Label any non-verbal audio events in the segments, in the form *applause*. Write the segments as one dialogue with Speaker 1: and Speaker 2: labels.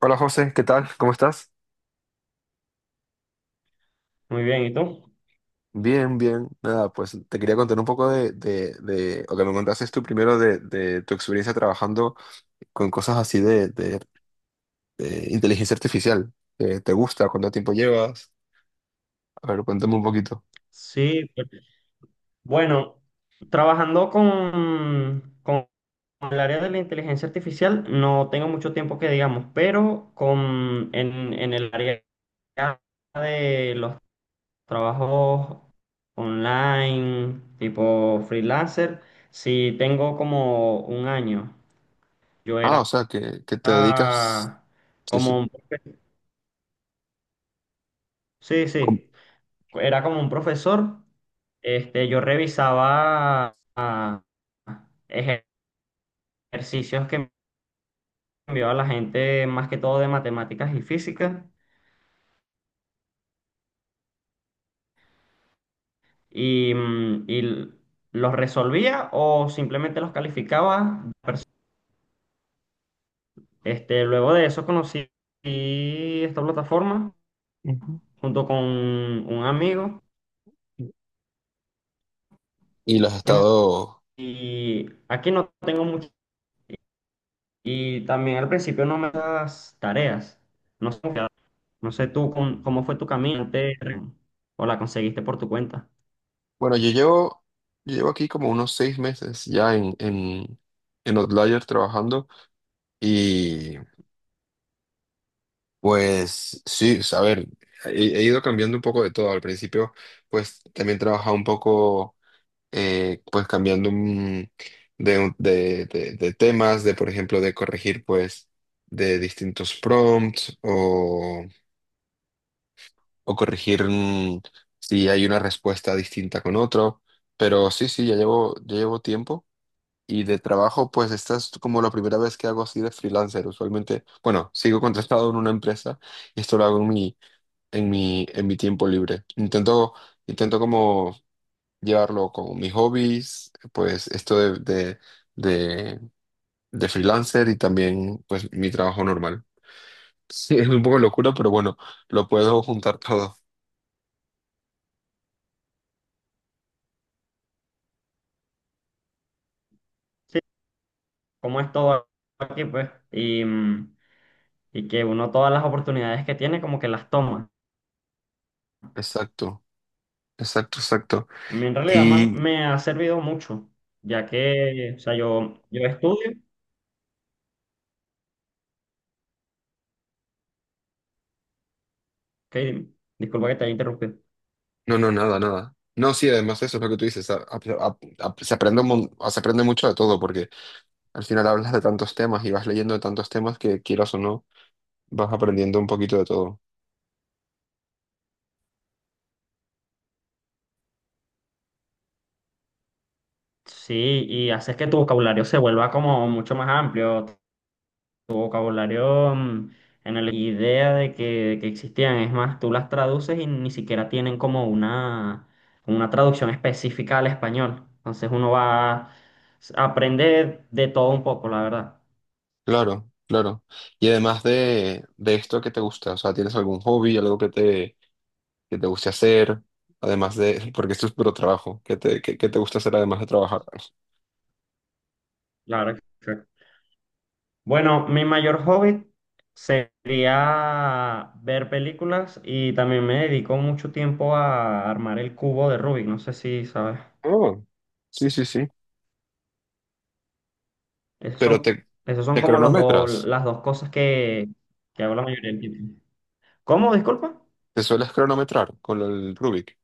Speaker 1: Hola José, ¿qué tal? ¿Cómo estás?
Speaker 2: Muy bien, ¿y tú?
Speaker 1: Bien, bien. Nada, pues te quería contar un poco o que me contases tú primero de tu experiencia trabajando con cosas así de inteligencia artificial. ¿Te gusta? ¿Cuánto tiempo llevas? A ver, cuéntame un poquito.
Speaker 2: Sí, pues, bueno, trabajando con el área de la inteligencia artificial, no tengo mucho tiempo que digamos, pero en el área de los trabajos online, tipo freelancer, sí tengo como un año. Yo
Speaker 1: Ah, o
Speaker 2: era
Speaker 1: sea, que, te dedicas.
Speaker 2: ah,
Speaker 1: Sí,
Speaker 2: como,
Speaker 1: sí.
Speaker 2: un- sí,
Speaker 1: Com-
Speaker 2: sí, era como un profesor, este, yo revisaba... ah, ejercicios que envió a la gente más que todo de matemáticas y física y, los resolvía o simplemente los calificaba. Luego de eso conocí esta plataforma
Speaker 1: Ujú.
Speaker 2: junto con un amigo
Speaker 1: Y los has
Speaker 2: que me-
Speaker 1: estado.
Speaker 2: y aquí no tengo mucho y también al principio no me das tareas. No sé, no sé tú cómo fue tu o la conseguiste por tu cuenta.
Speaker 1: Bueno, yo llevo aquí como unos 6 meses ya en, en Outlier trabajando. Pues sí, pues, a ver, he, he ido cambiando un poco de todo. Al principio, pues también trabajaba un poco, pues cambiando de temas, de por ejemplo, de corregir pues de distintos prompts o corregir si hay una respuesta distinta con otro. Pero sí, sí, ya llevo tiempo. Y de trabajo, pues esta es como la primera vez que hago así de freelancer. Usualmente, bueno, sigo contratado en una empresa y esto lo hago en mi en mi tiempo libre. Intento como llevarlo con mis hobbies, pues esto de, de freelancer y también pues mi trabajo normal. *laughs* Sí, es un poco locura, pero bueno, lo puedo juntar todo.
Speaker 2: Sí, cómo es todo aquí pues y que uno todas las oportunidades que tiene como que las toma.
Speaker 1: Exacto, exacto, exacto.
Speaker 2: A mí en realidad
Speaker 1: Y
Speaker 2: me ha servido mucho, ya que, o sea, yo estudio, ok, dime. Disculpa que te haya interrumpido.
Speaker 1: no, no, nada, nada. No, sí, además eso es lo que tú dices, se aprende, se aprende mucho de todo, porque al final hablas de tantos temas y vas leyendo de tantos temas que quieras o no, vas aprendiendo un poquito de todo.
Speaker 2: Sí, y haces que tu vocabulario se vuelva como mucho más amplio, tu vocabulario, en la idea de que existían, es más, tú las traduces y ni siquiera tienen como una traducción específica al español. Entonces uno va a aprender de todo un poco, la verdad.
Speaker 1: Claro, claro. Y además de esto qué te gusta, o sea, ¿tienes algún hobby, algo que te guste hacer? Además de, porque esto es puro trabajo, ¿qué te gusta hacer además de trabajar?
Speaker 2: Claro. Bueno, mi mayor hobby sería ver películas y también me dedico mucho tiempo a armar el cubo de Rubik. No sé si sabes.
Speaker 1: Oh, sí, sí, sí.
Speaker 2: Esos
Speaker 1: Pero
Speaker 2: son,
Speaker 1: te,
Speaker 2: esos son
Speaker 1: te
Speaker 2: como los dos,
Speaker 1: cronometras,
Speaker 2: las dos cosas que hago la mayoría del tiempo. ¿Cómo? Disculpa.
Speaker 1: te sueles cronometrar con el Rubik.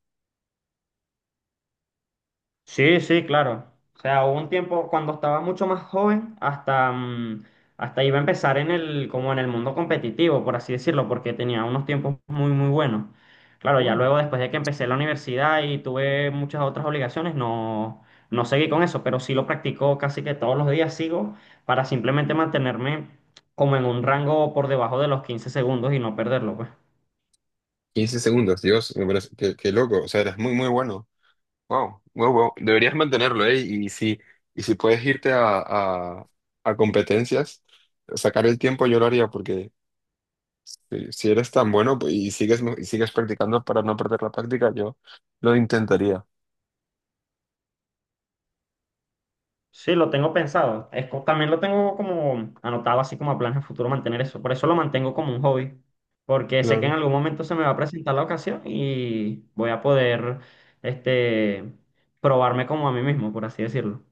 Speaker 2: Sí, sí, claro. O sea, hubo un tiempo cuando estaba mucho más joven, hasta iba a empezar en el, como en el mundo competitivo, por así decirlo, porque tenía unos tiempos muy, muy buenos. Claro, ya
Speaker 1: Bueno,
Speaker 2: luego después de que empecé la universidad y tuve muchas otras obligaciones, no, no seguí con eso, pero sí lo practico casi que todos los días sigo para simplemente mantenerme como en un rango por debajo de los 15 segundos y no perderlo, pues.
Speaker 1: 15 segundos, Dios, me parece, qué loco, o sea, eres muy, muy bueno. Wow, wow, wow. Deberías mantenerlo, ¿eh? Y si puedes irte a, a, a competencias, sacar el tiempo yo lo haría porque... Si eres tan bueno pues, y sigues practicando para no perder la práctica, yo lo intentaría.
Speaker 2: Sí, lo tengo pensado. Es, también lo tengo como anotado así como a planes a futuro mantener eso. Por eso lo mantengo como un hobby, porque sé que en
Speaker 1: Claro,
Speaker 2: algún momento se me va a presentar la ocasión y voy a poder, este, probarme como a mí mismo, por así decirlo.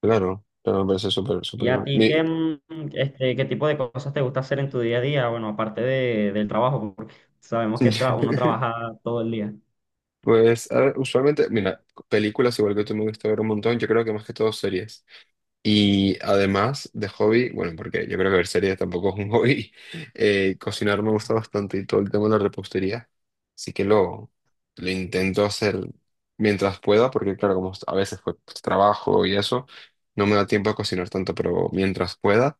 Speaker 1: claro, pero me parece súper, súper
Speaker 2: ¿Y a
Speaker 1: bueno.
Speaker 2: ti qué, qué tipo de cosas te gusta hacer en tu día a día? Bueno, aparte de, del trabajo, porque sabemos que uno
Speaker 1: *laughs*
Speaker 2: trabaja todo el día.
Speaker 1: Pues a ver, usualmente, mira, películas igual que tú me gusta ver un montón, yo creo que más que todo series. Y además de hobby, bueno, porque yo creo que ver series tampoco es un hobby, *laughs* cocinar me gusta bastante y todo el tema de la repostería, así que lo intento hacer mientras pueda, porque claro, como a veces pues, trabajo y eso, no me da tiempo a cocinar tanto, pero mientras pueda.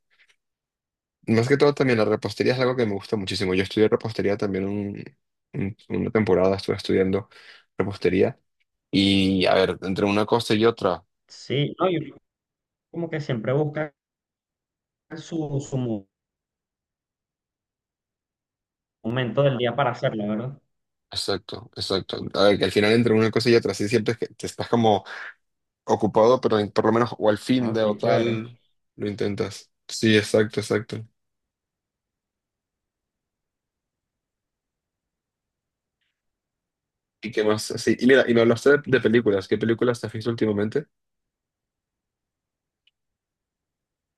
Speaker 1: Más que todo también la repostería es algo que me gusta muchísimo. Yo estudié repostería también una temporada, estuve estudiando repostería y a ver, entre una cosa y otra.
Speaker 2: Sí, no, y uno como que siempre busca su, momento del día para hacerlo, ¿verdad?
Speaker 1: Exacto, exacto. A ver, que al final entre una cosa y otra, sí, siempre es que te estás como ocupado, pero por lo menos o al fin
Speaker 2: No,
Speaker 1: de o
Speaker 2: qué chévere.
Speaker 1: tal lo intentas. Sí, exacto, exacto. ¿Y qué más? Sí, y mira, y me hablaste de películas. ¿Qué películas te has visto últimamente?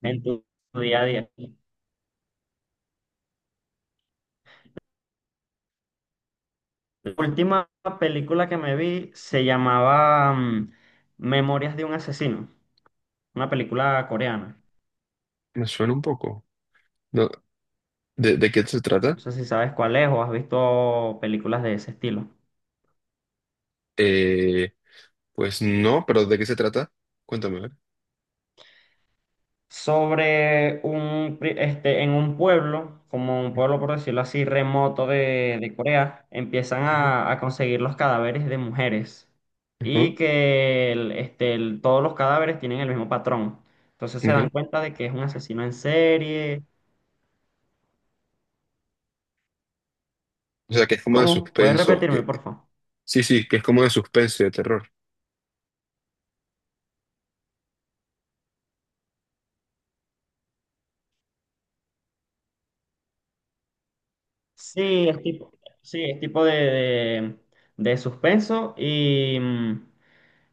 Speaker 2: En tu, tu día a día. La última película que me vi se llamaba, Memorias de un asesino, una película coreana.
Speaker 1: Me suena un poco. No, ¿de qué se trata?
Speaker 2: No sé si sabes cuál es o has visto películas de ese estilo.
Speaker 1: Eh, pues no, pero ¿de qué se trata? Cuéntame, a ver.
Speaker 2: Sobre un, en un pueblo, como un pueblo por decirlo así, remoto de Corea, empiezan
Speaker 1: Ujú,
Speaker 2: a conseguir los cadáveres de mujeres y
Speaker 1: ujú,
Speaker 2: que el- este, el- todos los cadáveres tienen el mismo patrón. Entonces se dan
Speaker 1: ok.
Speaker 2: cuenta de que es un asesino en serie.
Speaker 1: O sea, que es como de
Speaker 2: ¿Cómo? ¿Puedes
Speaker 1: suspenso. que-
Speaker 2: repetirme, por favor?
Speaker 1: sí, sí, que es como de suspenso y de terror.
Speaker 2: Sí, sí, es tipo de suspenso y,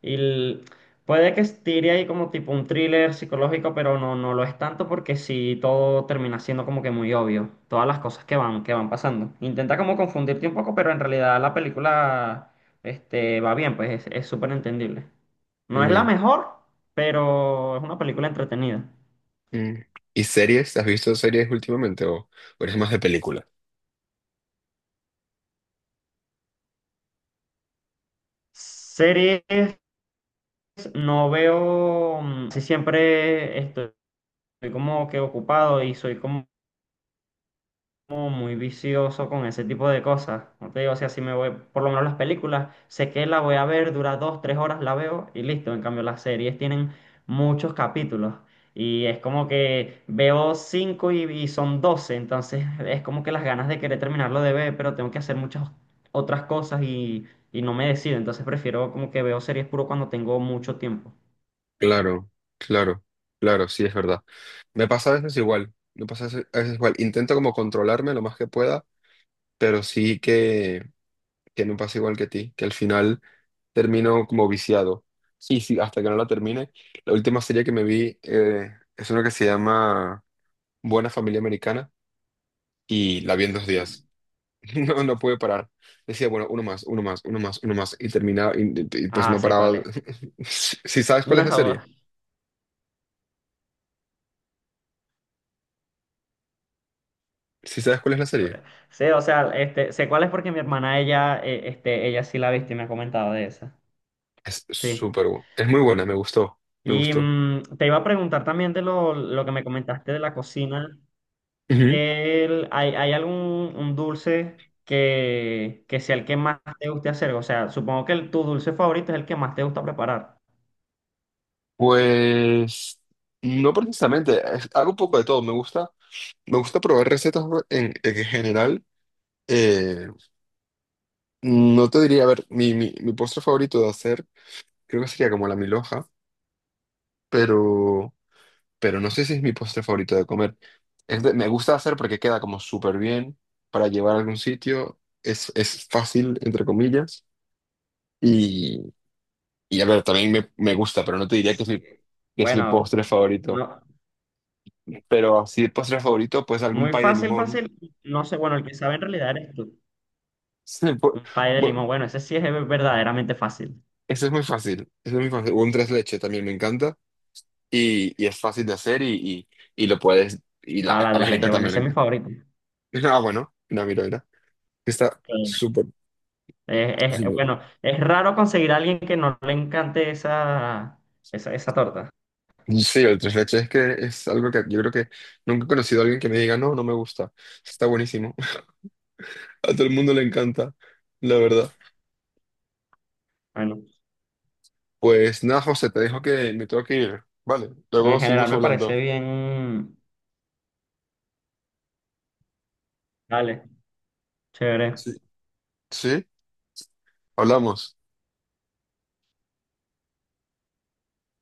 Speaker 2: y el- puede que estire ahí como tipo un thriller psicológico, pero no, no lo es tanto porque sí todo termina siendo como que muy obvio, todas las cosas que van pasando. Intenta como confundirte un poco, pero en realidad la película, este, va bien, pues es súper entendible. No es la
Speaker 1: Mm.
Speaker 2: mejor, pero es una película entretenida.
Speaker 1: Mm. ¿Y series? ¿Has visto series últimamente o eres más de película?
Speaker 2: Series, no veo, si siempre estoy como que ocupado y soy como como muy vicioso con ese tipo de cosas. No te digo, o sea, si me voy, por lo menos las películas, sé que la voy a ver, dura dos, tres horas, la veo y listo. En cambio, las series tienen muchos capítulos y es como que veo cinco y son doce, entonces *laughs* es como que las ganas de querer terminarlo de ver, pero tengo que hacer muchas otras cosas y no me decido. Entonces prefiero como que veo series puro cuando tengo mucho tiempo.
Speaker 1: Claro, claro, claro, sí, es verdad. Me pasa a veces igual, me pasa a veces igual. Intento como controlarme lo más que pueda, pero sí que me pasa igual que a ti, que al final termino como viciado. Sí, sí, hasta que no la termine. La última serie que me vi es una que se llama Buena Familia Americana y la vi en 2 días. No, no pude parar. Decía, bueno, uno más, uno más, uno más, uno más. Y terminaba, y, pues
Speaker 2: Ah,
Speaker 1: no
Speaker 2: sé cuál
Speaker 1: paraba.
Speaker 2: es. *laughs*
Speaker 1: *laughs* Si sabes cuál es la
Speaker 2: No,
Speaker 1: serie, si sabes cuál es la serie,
Speaker 2: sé, o sea, este, sé cuál es porque mi hermana, ella, ella sí la viste y me ha comentado de esa.
Speaker 1: es
Speaker 2: Sí.
Speaker 1: súper buena. Es muy buena, me gustó, me
Speaker 2: Y,
Speaker 1: gustó.
Speaker 2: mm, te iba a preguntar también lo que me comentaste de la cocina.
Speaker 1: Ujú.
Speaker 2: ¿Hay, hay algún un dulce que sea el que más te guste hacer? O sea, supongo que tu dulce favorito es el que más te gusta preparar.
Speaker 1: Pues no precisamente, hago un poco de todo. Me gusta probar recetas en general. Eh, no te diría, a ver, mi postre favorito de hacer, creo que sería como la milhoja, pero. pero no sé si es mi postre favorito de comer. Me gusta hacer porque queda como súper bien para llevar a algún sitio. Es fácil, entre comillas. Y, y a ver, también me gusta, pero no te diría que es mi,
Speaker 2: Bueno,
Speaker 1: postre favorito.
Speaker 2: no,
Speaker 1: Pero así, postre favorito, pues algún
Speaker 2: muy
Speaker 1: pay de
Speaker 2: fácil,
Speaker 1: limón.
Speaker 2: fácil.
Speaker 1: *laughs*
Speaker 2: No sé, bueno, el que sabe en realidad eres tú.
Speaker 1: Sí,
Speaker 2: Un pay de limón,
Speaker 1: bu-
Speaker 2: bueno, ese sí es verdaderamente fácil.
Speaker 1: eso es muy fácil. Eso es muy fácil. Un tres leche también me encanta. Y es fácil de hacer y lo puedes. Y
Speaker 2: Ah, la
Speaker 1: a
Speaker 2: tres
Speaker 1: la gente
Speaker 2: leches, bueno,
Speaker 1: también
Speaker 2: ese
Speaker 1: le
Speaker 2: es mi
Speaker 1: encanta. *laughs*
Speaker 2: favorito.
Speaker 1: Ah, bueno, una mira, mira. Está
Speaker 2: Sí.
Speaker 1: súper, súper.
Speaker 2: Bueno, es raro conseguir a alguien que no le encante esa torta.
Speaker 1: Sí, el tres leches es que es algo que yo creo que nunca he conocido a alguien que me diga, no, no me gusta. Está buenísimo. *laughs* A todo el mundo le encanta, la verdad.
Speaker 2: Bueno,
Speaker 1: Pues nada, José, te dejo que me tengo que ir. Vale, luego
Speaker 2: en general
Speaker 1: seguimos
Speaker 2: me parece
Speaker 1: hablando.
Speaker 2: bien. Dale, chévere.
Speaker 1: Sí. ¿Sí? Hablamos.